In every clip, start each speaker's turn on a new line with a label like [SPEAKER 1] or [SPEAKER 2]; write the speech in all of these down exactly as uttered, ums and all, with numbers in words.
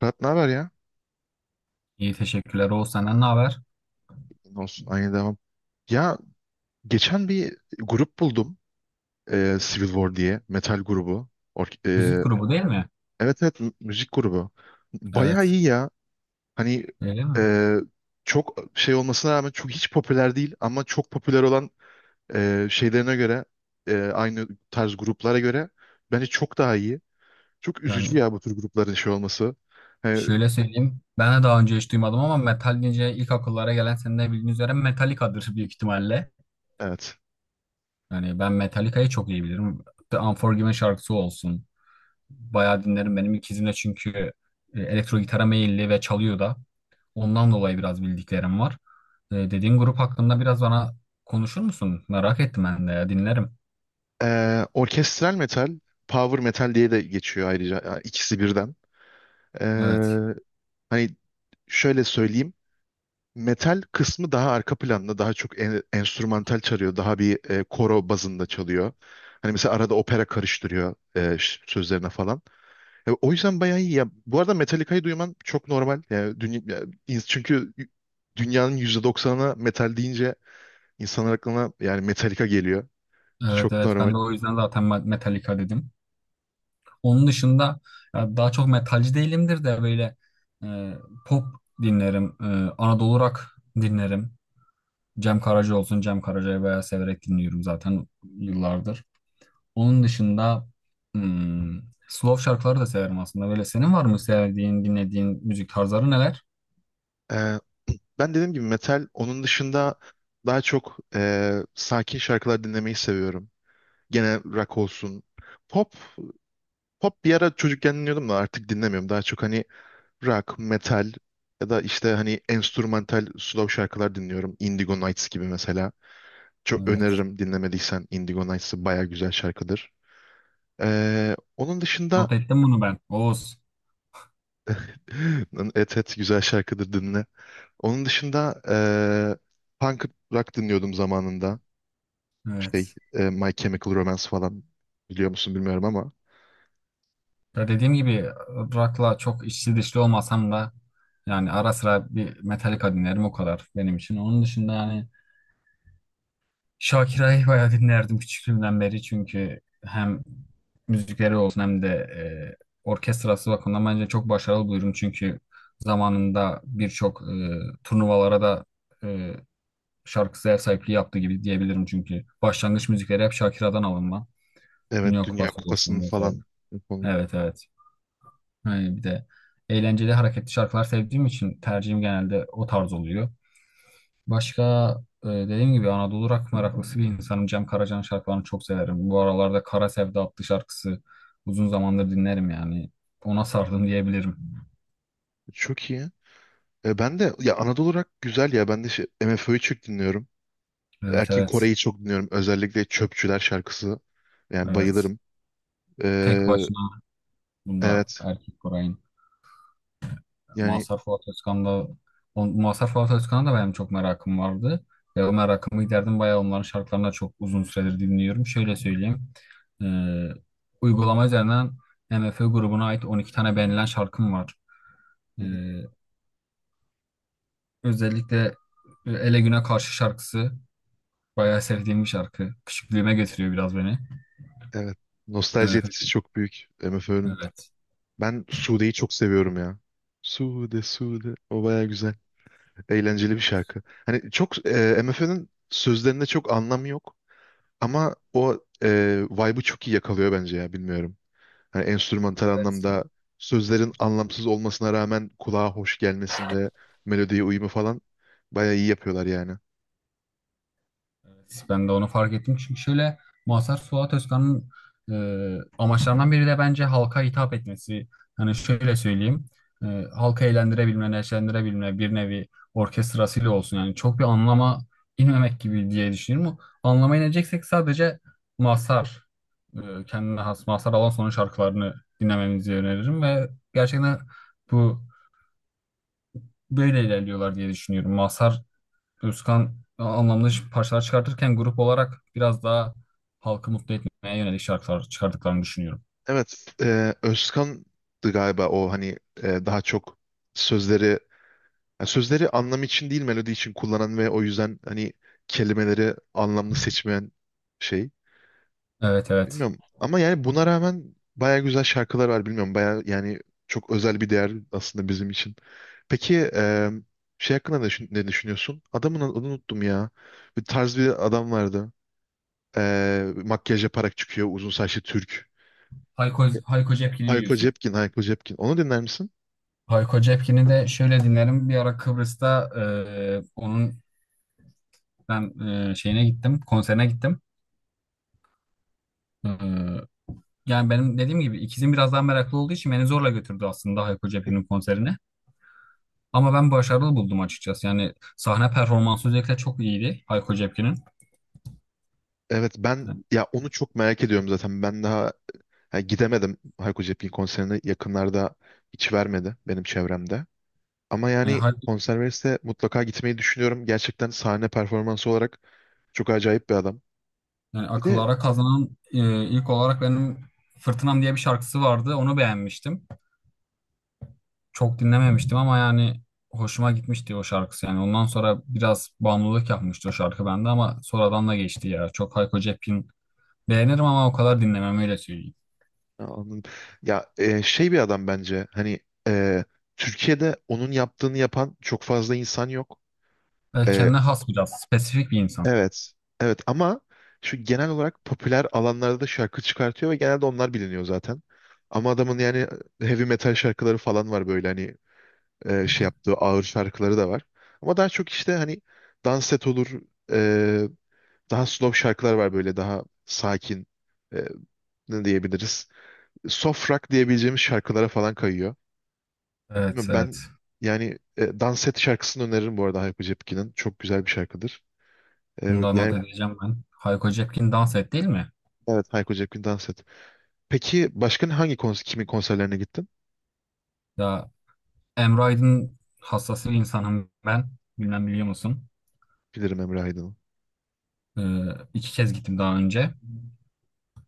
[SPEAKER 1] Fırat ne haber ya?
[SPEAKER 2] İyi teşekkürler. Oğuz senden ne haber?
[SPEAKER 1] Ne olsun aynı devam. Ya geçen bir grup buldum. e, Civil War diye. Metal grubu. Ork-
[SPEAKER 2] Müzik
[SPEAKER 1] e,
[SPEAKER 2] grubu değil mi?
[SPEAKER 1] evet, evet, mü- müzik grubu. Bayağı
[SPEAKER 2] Evet.
[SPEAKER 1] iyi ya. Hani
[SPEAKER 2] Öyle mi?
[SPEAKER 1] e, çok şey olmasına rağmen çok hiç popüler değil ama çok popüler olan e, şeylerine göre e, aynı tarz gruplara göre bence çok daha iyi. Çok üzücü
[SPEAKER 2] Yani
[SPEAKER 1] ya bu tür grupların şey olması. E,
[SPEAKER 2] şöyle söyleyeyim. Ben de daha önce hiç duymadım ama metal deyince ilk akıllara gelen senin de bildiğin üzere Metallica'dır büyük ihtimalle.
[SPEAKER 1] evet.
[SPEAKER 2] Yani ben Metallica'yı çok iyi bilirim. The Unforgiven şarkısı olsun. Bayağı dinlerim. Benim ikizim de çünkü e, elektro gitara meyilli ve çalıyor da. Ondan dolayı biraz bildiklerim var. E, Dediğin grup hakkında biraz bana konuşur musun? Merak ettim ben de ya. Dinlerim.
[SPEAKER 1] E, orkestral metal, power metal diye de geçiyor ayrıca. Yani ikisi birden. Ee,
[SPEAKER 2] Evet.
[SPEAKER 1] Hani şöyle söyleyeyim. Metal kısmı daha arka planda, daha çok en- enstrümantal çalıyor, daha bir e, koro bazında çalıyor. Hani mesela arada opera karıştırıyor e, ş- sözlerine falan. E, o yüzden bayağı iyi. Ya, bu arada Metallica'yı duyman çok normal. Yani, dünya, ya, ins- çünkü dünyanın yüzde doksanına metal deyince insanlar aklına yani Metallica geliyor.
[SPEAKER 2] Evet
[SPEAKER 1] Çok
[SPEAKER 2] evet ben
[SPEAKER 1] normal.
[SPEAKER 2] de o yüzden zaten Ma- Metallica dedim. Onun dışında ya daha çok metalci değilimdir de böyle e, pop dinlerim. E, Anadolu rock dinlerim. Cem Karaca olsun. Cem Karaca'yı bayağı severek dinliyorum zaten yıllardır. Onun dışında hmm, slow şarkıları da severim aslında. Böyle senin var mı sevdiğin, dinlediğin müzik tarzları neler?
[SPEAKER 1] E, Ben dediğim gibi metal, onun dışında daha çok e, sakin şarkılar dinlemeyi seviyorum. Gene rock olsun. Pop, pop bir ara çocukken dinliyordum da artık dinlemiyorum. Daha çok hani rock, metal ya da işte hani enstrümantal slow şarkılar dinliyorum. Indigo Nights gibi mesela. Çok
[SPEAKER 2] Evet.
[SPEAKER 1] öneririm dinlemediysen Indigo Nights'ı baya güzel şarkıdır. Ee, onun dışında
[SPEAKER 2] Not ettim bunu ben. Oğuz.
[SPEAKER 1] et et güzel şarkıdır dinle. Onun dışında eee punk rock dinliyordum zamanında. İşte
[SPEAKER 2] Evet.
[SPEAKER 1] eee, My Chemical Romance falan biliyor musun bilmiyorum ama.
[SPEAKER 2] Ya dediğim gibi rock'la çok içli dışlı olmasam da yani ara sıra bir Metallica dinlerim o kadar benim için. Onun dışında yani Shakira'yı bayağı dinlerdim küçüklüğümden beri çünkü hem müzikleri olsun hem de e, orkestrası bakımından bence çok başarılı buluyorum. Çünkü zamanında birçok e, turnuvalara da e, şarkısı ev sahipliği yaptığı gibi diyebilirim. Çünkü başlangıç müzikleri hep Shakira'dan alınma.
[SPEAKER 1] Evet,
[SPEAKER 2] Dünya
[SPEAKER 1] Dünya
[SPEAKER 2] Kupası
[SPEAKER 1] Kupası'nın
[SPEAKER 2] olsun vesaire.
[SPEAKER 1] falan. Yapalım.
[SPEAKER 2] Evet evet. Hani bir de eğlenceli hareketli şarkılar sevdiğim için tercihim genelde o tarz oluyor. Başka e, dediğim gibi Anadolu rock meraklısı bir insanım. Cem Karaca'nın şarkılarını çok severim. Bu aralarda Kara Sevda adlı şarkısı uzun zamandır dinlerim yani. Ona sardım diyebilirim.
[SPEAKER 1] Çok iyi. E, ben de ya Anadolu olarak güzel ya. Ben de şey, MFÖ'yü çok dinliyorum.
[SPEAKER 2] Evet
[SPEAKER 1] Erkin
[SPEAKER 2] evet.
[SPEAKER 1] Koray'ı çok dinliyorum. Özellikle Çöpçüler şarkısı. Yani
[SPEAKER 2] Evet.
[SPEAKER 1] bayılırım. E,
[SPEAKER 2] Tek başına bunda
[SPEAKER 1] evet.
[SPEAKER 2] erkek Koray'ın.
[SPEAKER 1] Yani,
[SPEAKER 2] Mazhar Fuat Özkan'da on- Mazhar Fuat Özkan'a da benim çok merakım vardı. Ve o merakımı giderdim. Bayağı onların şarkılarını da çok uzun süredir dinliyorum. Şöyle söyleyeyim. Ee, uygulama üzerinden MFÖ grubuna ait on iki tane beğenilen şarkım var. Ee,
[SPEAKER 1] hı hı.
[SPEAKER 2] özellikle Ele Güne Karşı şarkısı bayağı sevdiğim bir şarkı. Küçüklüğüme götürüyor biraz beni.
[SPEAKER 1] Evet. Nostalji etkisi
[SPEAKER 2] MFÖ.
[SPEAKER 1] çok büyük MFÖ'nün.
[SPEAKER 2] Evet.
[SPEAKER 1] Ben Sude'yi çok seviyorum ya. Sude, Sude. O baya güzel. Eğlenceli bir şarkı. Hani çok e, M F'nin sözlerinde çok anlam yok ama o e, vibe'ı çok iyi yakalıyor bence ya bilmiyorum. Hani enstrümantal
[SPEAKER 2] Evet.
[SPEAKER 1] anlamda sözlerin anlamsız olmasına rağmen kulağa hoş gelmesinde melodiye uyumu falan bayağı iyi yapıyorlar yani.
[SPEAKER 2] Evet, ben de onu fark ettim. Çünkü şöyle Mazhar Fuat Özkan'ın e, amaçlarından biri de bence halka hitap etmesi. Hani şöyle söyleyeyim. E, halka eğlendirebilme, neşelendirebilme bir nevi orkestrasıyla olsun. Yani çok bir anlama inmemek gibi diye düşünüyorum. Anlama ineceksek sadece Mazhar, e, kendine has Mazhar Alanson'un şarkılarını dinlememizi öneririm ve gerçekten bu böyle ilerliyorlar diye düşünüyorum. Mazhar Özkan anlamda şi- parçalar çıkartırken grup olarak biraz daha halkı mutlu etmeye yönelik şarkılar çıkardıklarını düşünüyorum.
[SPEAKER 1] Evet, e, Özkan'dı galiba o hani e, daha çok sözleri yani sözleri anlam için değil melodi için kullanan ve o yüzden hani kelimeleri anlamlı seçmeyen şey.
[SPEAKER 2] Evet evet.
[SPEAKER 1] Bilmiyorum ama yani buna rağmen baya güzel şarkılar var bilmiyorum baya yani çok özel bir değer aslında bizim için. Peki e, şey hakkında ne, düşün- ne düşünüyorsun? Adamın adını unuttum ya. Bir tarz bir adam vardı. E, makyaj yaparak çıkıyor uzun saçlı Türk.
[SPEAKER 2] Hayko, Hayko Cepkin'i
[SPEAKER 1] Hayko
[SPEAKER 2] diyorsun.
[SPEAKER 1] Cepkin, Hayko Cepkin. Onu dinler misin?
[SPEAKER 2] Hayko Cepkin'i de şöyle dinlerim. Bir ara Kıbrıs'ta e, onun ben e, şeyine gittim, konserine gittim. E, yani benim dediğim gibi ikizim biraz daha meraklı olduğu için beni zorla götürdü aslında Hayko Cepkin'in konserine. Ama ben başarılı buldum açıkçası. Yani sahne performansı özellikle çok iyiydi Hayko Cepkin'in.
[SPEAKER 1] Evet, ben ya onu çok merak ediyorum zaten. Ben daha ha, gidemedim Hayko Cepkin konserine. Yakınlarda hiç vermedi benim çevremde. Ama
[SPEAKER 2] E,
[SPEAKER 1] yani
[SPEAKER 2] Hay-
[SPEAKER 1] Conserves'e mutlaka gitmeyi düşünüyorum. Gerçekten sahne performansı olarak çok acayip bir adam.
[SPEAKER 2] Yani
[SPEAKER 1] Bir de
[SPEAKER 2] akıllara kazanan e, ilk olarak benim Fırtınam diye bir şarkısı vardı. Onu beğenmiştim. Çok dinlememiştim ama yani hoşuma gitmişti o şarkısı. Yani ondan sonra biraz bağımlılık yapmıştı o şarkı bende ama sonradan da geçti ya. Çok Hayko Cepkin beğenirim ama o kadar dinlemem öyle söyleyeyim.
[SPEAKER 1] ya, anladım. Ya e, şey bir adam bence. Hani e, Türkiye'de onun yaptığını yapan çok fazla insan yok.
[SPEAKER 2] E,
[SPEAKER 1] E,
[SPEAKER 2] kendine has biraz spesifik bir insan.
[SPEAKER 1] evet. Evet ama şu genel olarak popüler alanlarda da şarkı çıkartıyor ve genelde onlar biliniyor zaten. Ama adamın yani e, heavy metal şarkıları falan var böyle hani e, şey yaptığı ağır şarkıları da var. Ama daha çok işte hani dans set olur, e, daha slow şarkılar var böyle daha sakin e, ne diyebiliriz? Soft rock diyebileceğimiz şarkılara falan kayıyor.
[SPEAKER 2] Evet
[SPEAKER 1] Bilmiyorum,
[SPEAKER 2] evet.
[SPEAKER 1] ben yani e, Dans Et şarkısını öneririm bu arada Hayko Cepkin'in. Çok güzel bir şarkıdır.
[SPEAKER 2] Bunu
[SPEAKER 1] E,
[SPEAKER 2] da not
[SPEAKER 1] yani
[SPEAKER 2] edeceğim ben. Hayko Cepkin dans et değil mi?
[SPEAKER 1] evet, Hayko Cepkin Dans Et. Peki başka hangi kons kimin konserlerine gittin?
[SPEAKER 2] Ya Emre Aydın hassas bir insanım ben. Bilmem biliyor musun?
[SPEAKER 1] Bilirim Emre Aydın'ın.
[SPEAKER 2] E, iki kez gittim daha önce.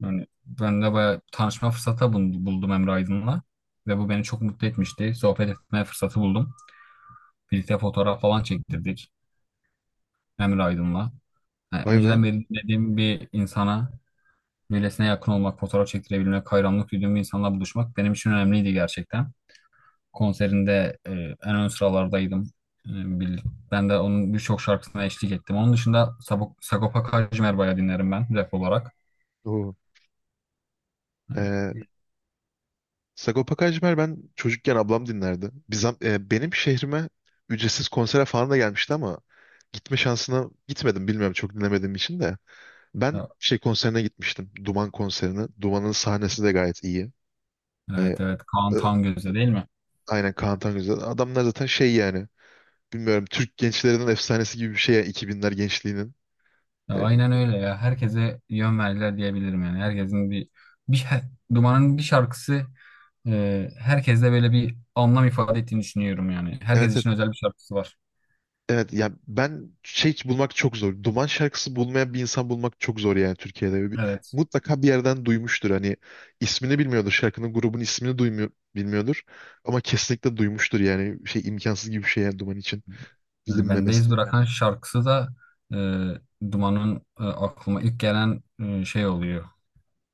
[SPEAKER 2] Yani ben de bayağı tanışma fırsatı bul- buldum Emre Aydın'la. Ve bu beni çok mutlu etmişti. Sohbet etme fırsatı buldum. Birlikte fotoğraf falan çektirdik Emre Aydın'la. Yani
[SPEAKER 1] Vay be.
[SPEAKER 2] önceden beri dediğim bir insana, böylesine yakın olmak, fotoğraf çektirebilmek, hayranlık duyduğum bir insanla buluşmak benim için önemliydi gerçekten. Konserinde e, en ön sıralardaydım. E, bil- ben de onun birçok şarkısına eşlik ettim. Onun dışında Sabo- Sagopa Kajmer dinlerim ben rap olarak.
[SPEAKER 1] Oo.
[SPEAKER 2] E,
[SPEAKER 1] E, Sagopa Kajmer ben çocukken ablam dinlerdi. Biz, e, benim şehrime ücretsiz konsere falan da gelmişti ama gitme şansına gitmedim bilmiyorum çok dinlemediğim için de. Ben şey konserine gitmiştim. Duman konserine. Duman'ın sahnesi de gayet iyi. Hani,
[SPEAKER 2] Evet evet Kaan
[SPEAKER 1] e,
[SPEAKER 2] Tangöze değil mi?
[SPEAKER 1] aynen Kaan Tangözel. Adamlar zaten şey yani. Bilmiyorum, Türk gençlerinin efsanesi gibi bir şey yani, iki binler gençliğinin.
[SPEAKER 2] Ya
[SPEAKER 1] E,
[SPEAKER 2] aynen öyle ya. Herkese yön verdiler diyebilirim yani. Herkesin bir, bir şa- Duman'ın bir şarkısı e, herkeste böyle bir anlam ifade ettiğini düşünüyorum yani. Herkes
[SPEAKER 1] evet, evet.
[SPEAKER 2] için özel bir şarkısı var.
[SPEAKER 1] Evet yani ben şey bulmak çok zor. Duman şarkısı bulmayan bir insan bulmak çok zor yani Türkiye'de. Bir-
[SPEAKER 2] Evet.
[SPEAKER 1] Mutlaka bir yerden duymuştur. Hani ismini bilmiyordur. Şarkının grubun ismini duymuyor, bilmiyordur. Ama kesinlikle duymuştur yani. Şey imkansız gibi bir şey yani Duman için
[SPEAKER 2] Yani
[SPEAKER 1] bilinmemesi.
[SPEAKER 2] Bendeyiz bırakan şarkısı da e, Duman'ın e, aklıma ilk gelen e, şey oluyor.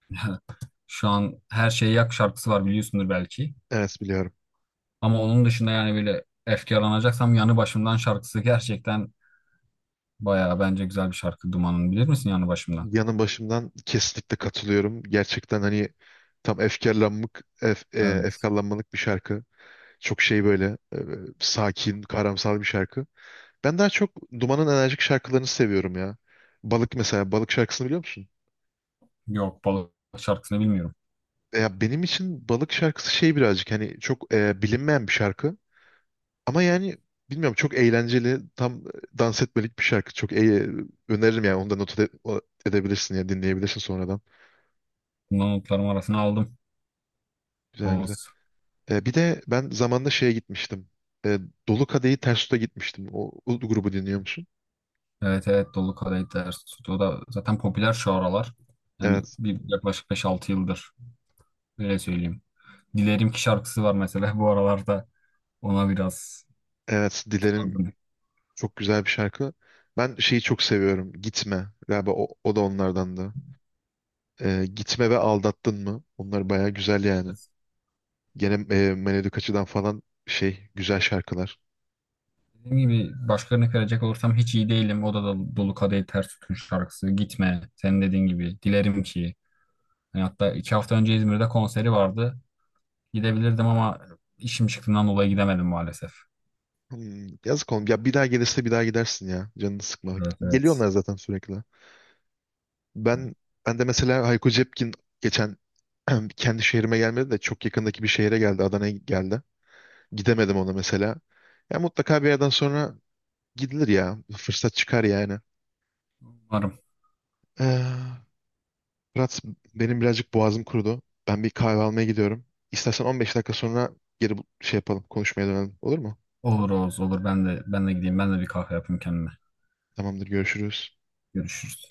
[SPEAKER 2] Şu an Her Şeyi Yak şarkısı var biliyorsundur belki.
[SPEAKER 1] Evet, biliyorum.
[SPEAKER 2] Ama onun dışında yani böyle efkarlanacaksam Yanı Başımdan şarkısı gerçekten bayağı bence güzel bir şarkı Duman'ın. Bilir misin Yanı Başımdan?
[SPEAKER 1] Yanı başımdan kesinlikle katılıyorum. Gerçekten hani tam efkarlanmak, ef, e,
[SPEAKER 2] Evet.
[SPEAKER 1] efkarlanmalık bir şarkı. Çok şey böyle e, sakin, karamsar bir şarkı. Ben daha çok Duman'ın enerjik şarkılarını seviyorum ya. Balık mesela, Balık şarkısını biliyor musun?
[SPEAKER 2] Yok balık şarkısını bilmiyorum.
[SPEAKER 1] Ya benim için Balık şarkısı şey birazcık hani çok e, bilinmeyen bir şarkı. Ama yani bilmiyorum çok eğlenceli, tam e, dans etmelik bir şarkı. Çok e, öneririm yani onu da not ede- o- edebilirsin ya dinleyebilirsin sonradan.
[SPEAKER 2] Bundan notlarım arasına aldım.
[SPEAKER 1] Güzel güzel.
[SPEAKER 2] Oğuz.
[SPEAKER 1] E, bir de ben zamanında şeye gitmiştim. E, Dolu Kadehi Ters Tut'a gitmiştim. O, o grubu dinliyor musun?
[SPEAKER 2] Evet evet dolu kadehler sütü. O da zaten popüler şu aralar. Yani
[SPEAKER 1] Evet.
[SPEAKER 2] bir yaklaşık beş altı yıldır. Öyle söyleyeyim. Dilerim ki şarkısı var mesela. Bu aralarda ona biraz
[SPEAKER 1] Evet. Dilerim,
[SPEAKER 2] sardım.
[SPEAKER 1] çok güzel bir şarkı. Ben şeyi çok seviyorum. Gitme. Galiba o, o da onlardandı. E, Gitme ve Aldattın mı? Onlar baya güzel yani.
[SPEAKER 2] Biraz.
[SPEAKER 1] Gene e, melodik açıdan falan şey güzel şarkılar.
[SPEAKER 2] Dediğim gibi başka örnek verecek olursam hiç iyi değilim. O da, da Dolu Kadehi Ters Tutun şarkısı. Gitme. Senin dediğin gibi. Dilerim ki. Yani hatta iki hafta önce İzmir'de konseri vardı. Gidebilirdim ama işim çıktığından dolayı gidemedim maalesef.
[SPEAKER 1] Hmm, yazık oğlum. Ya bir daha gelirse bir daha gidersin ya. Canını sıkma.
[SPEAKER 2] Evet evet.
[SPEAKER 1] Geliyorlar zaten sürekli. Ben ben de mesela Hayko Cepkin geçen kendi şehrime gelmedi de çok yakındaki bir şehre geldi. Adana'ya geldi. Gidemedim ona mesela. Ya mutlaka bir yerden sonra gidilir ya. Fırsat çıkar yani.
[SPEAKER 2] Umarım.
[SPEAKER 1] Ee, Fırat benim birazcık boğazım kurudu. Ben bir kahve almaya gidiyorum. İstersen on beş dakika sonra geri bu- şey yapalım. Konuşmaya dönelim. Olur mu?
[SPEAKER 2] Olur Oğuz olur. Ben de ben de gideyim. Ben de bir kahve yapayım kendime.
[SPEAKER 1] Tamamdır, görüşürüz.
[SPEAKER 2] Görüşürüz.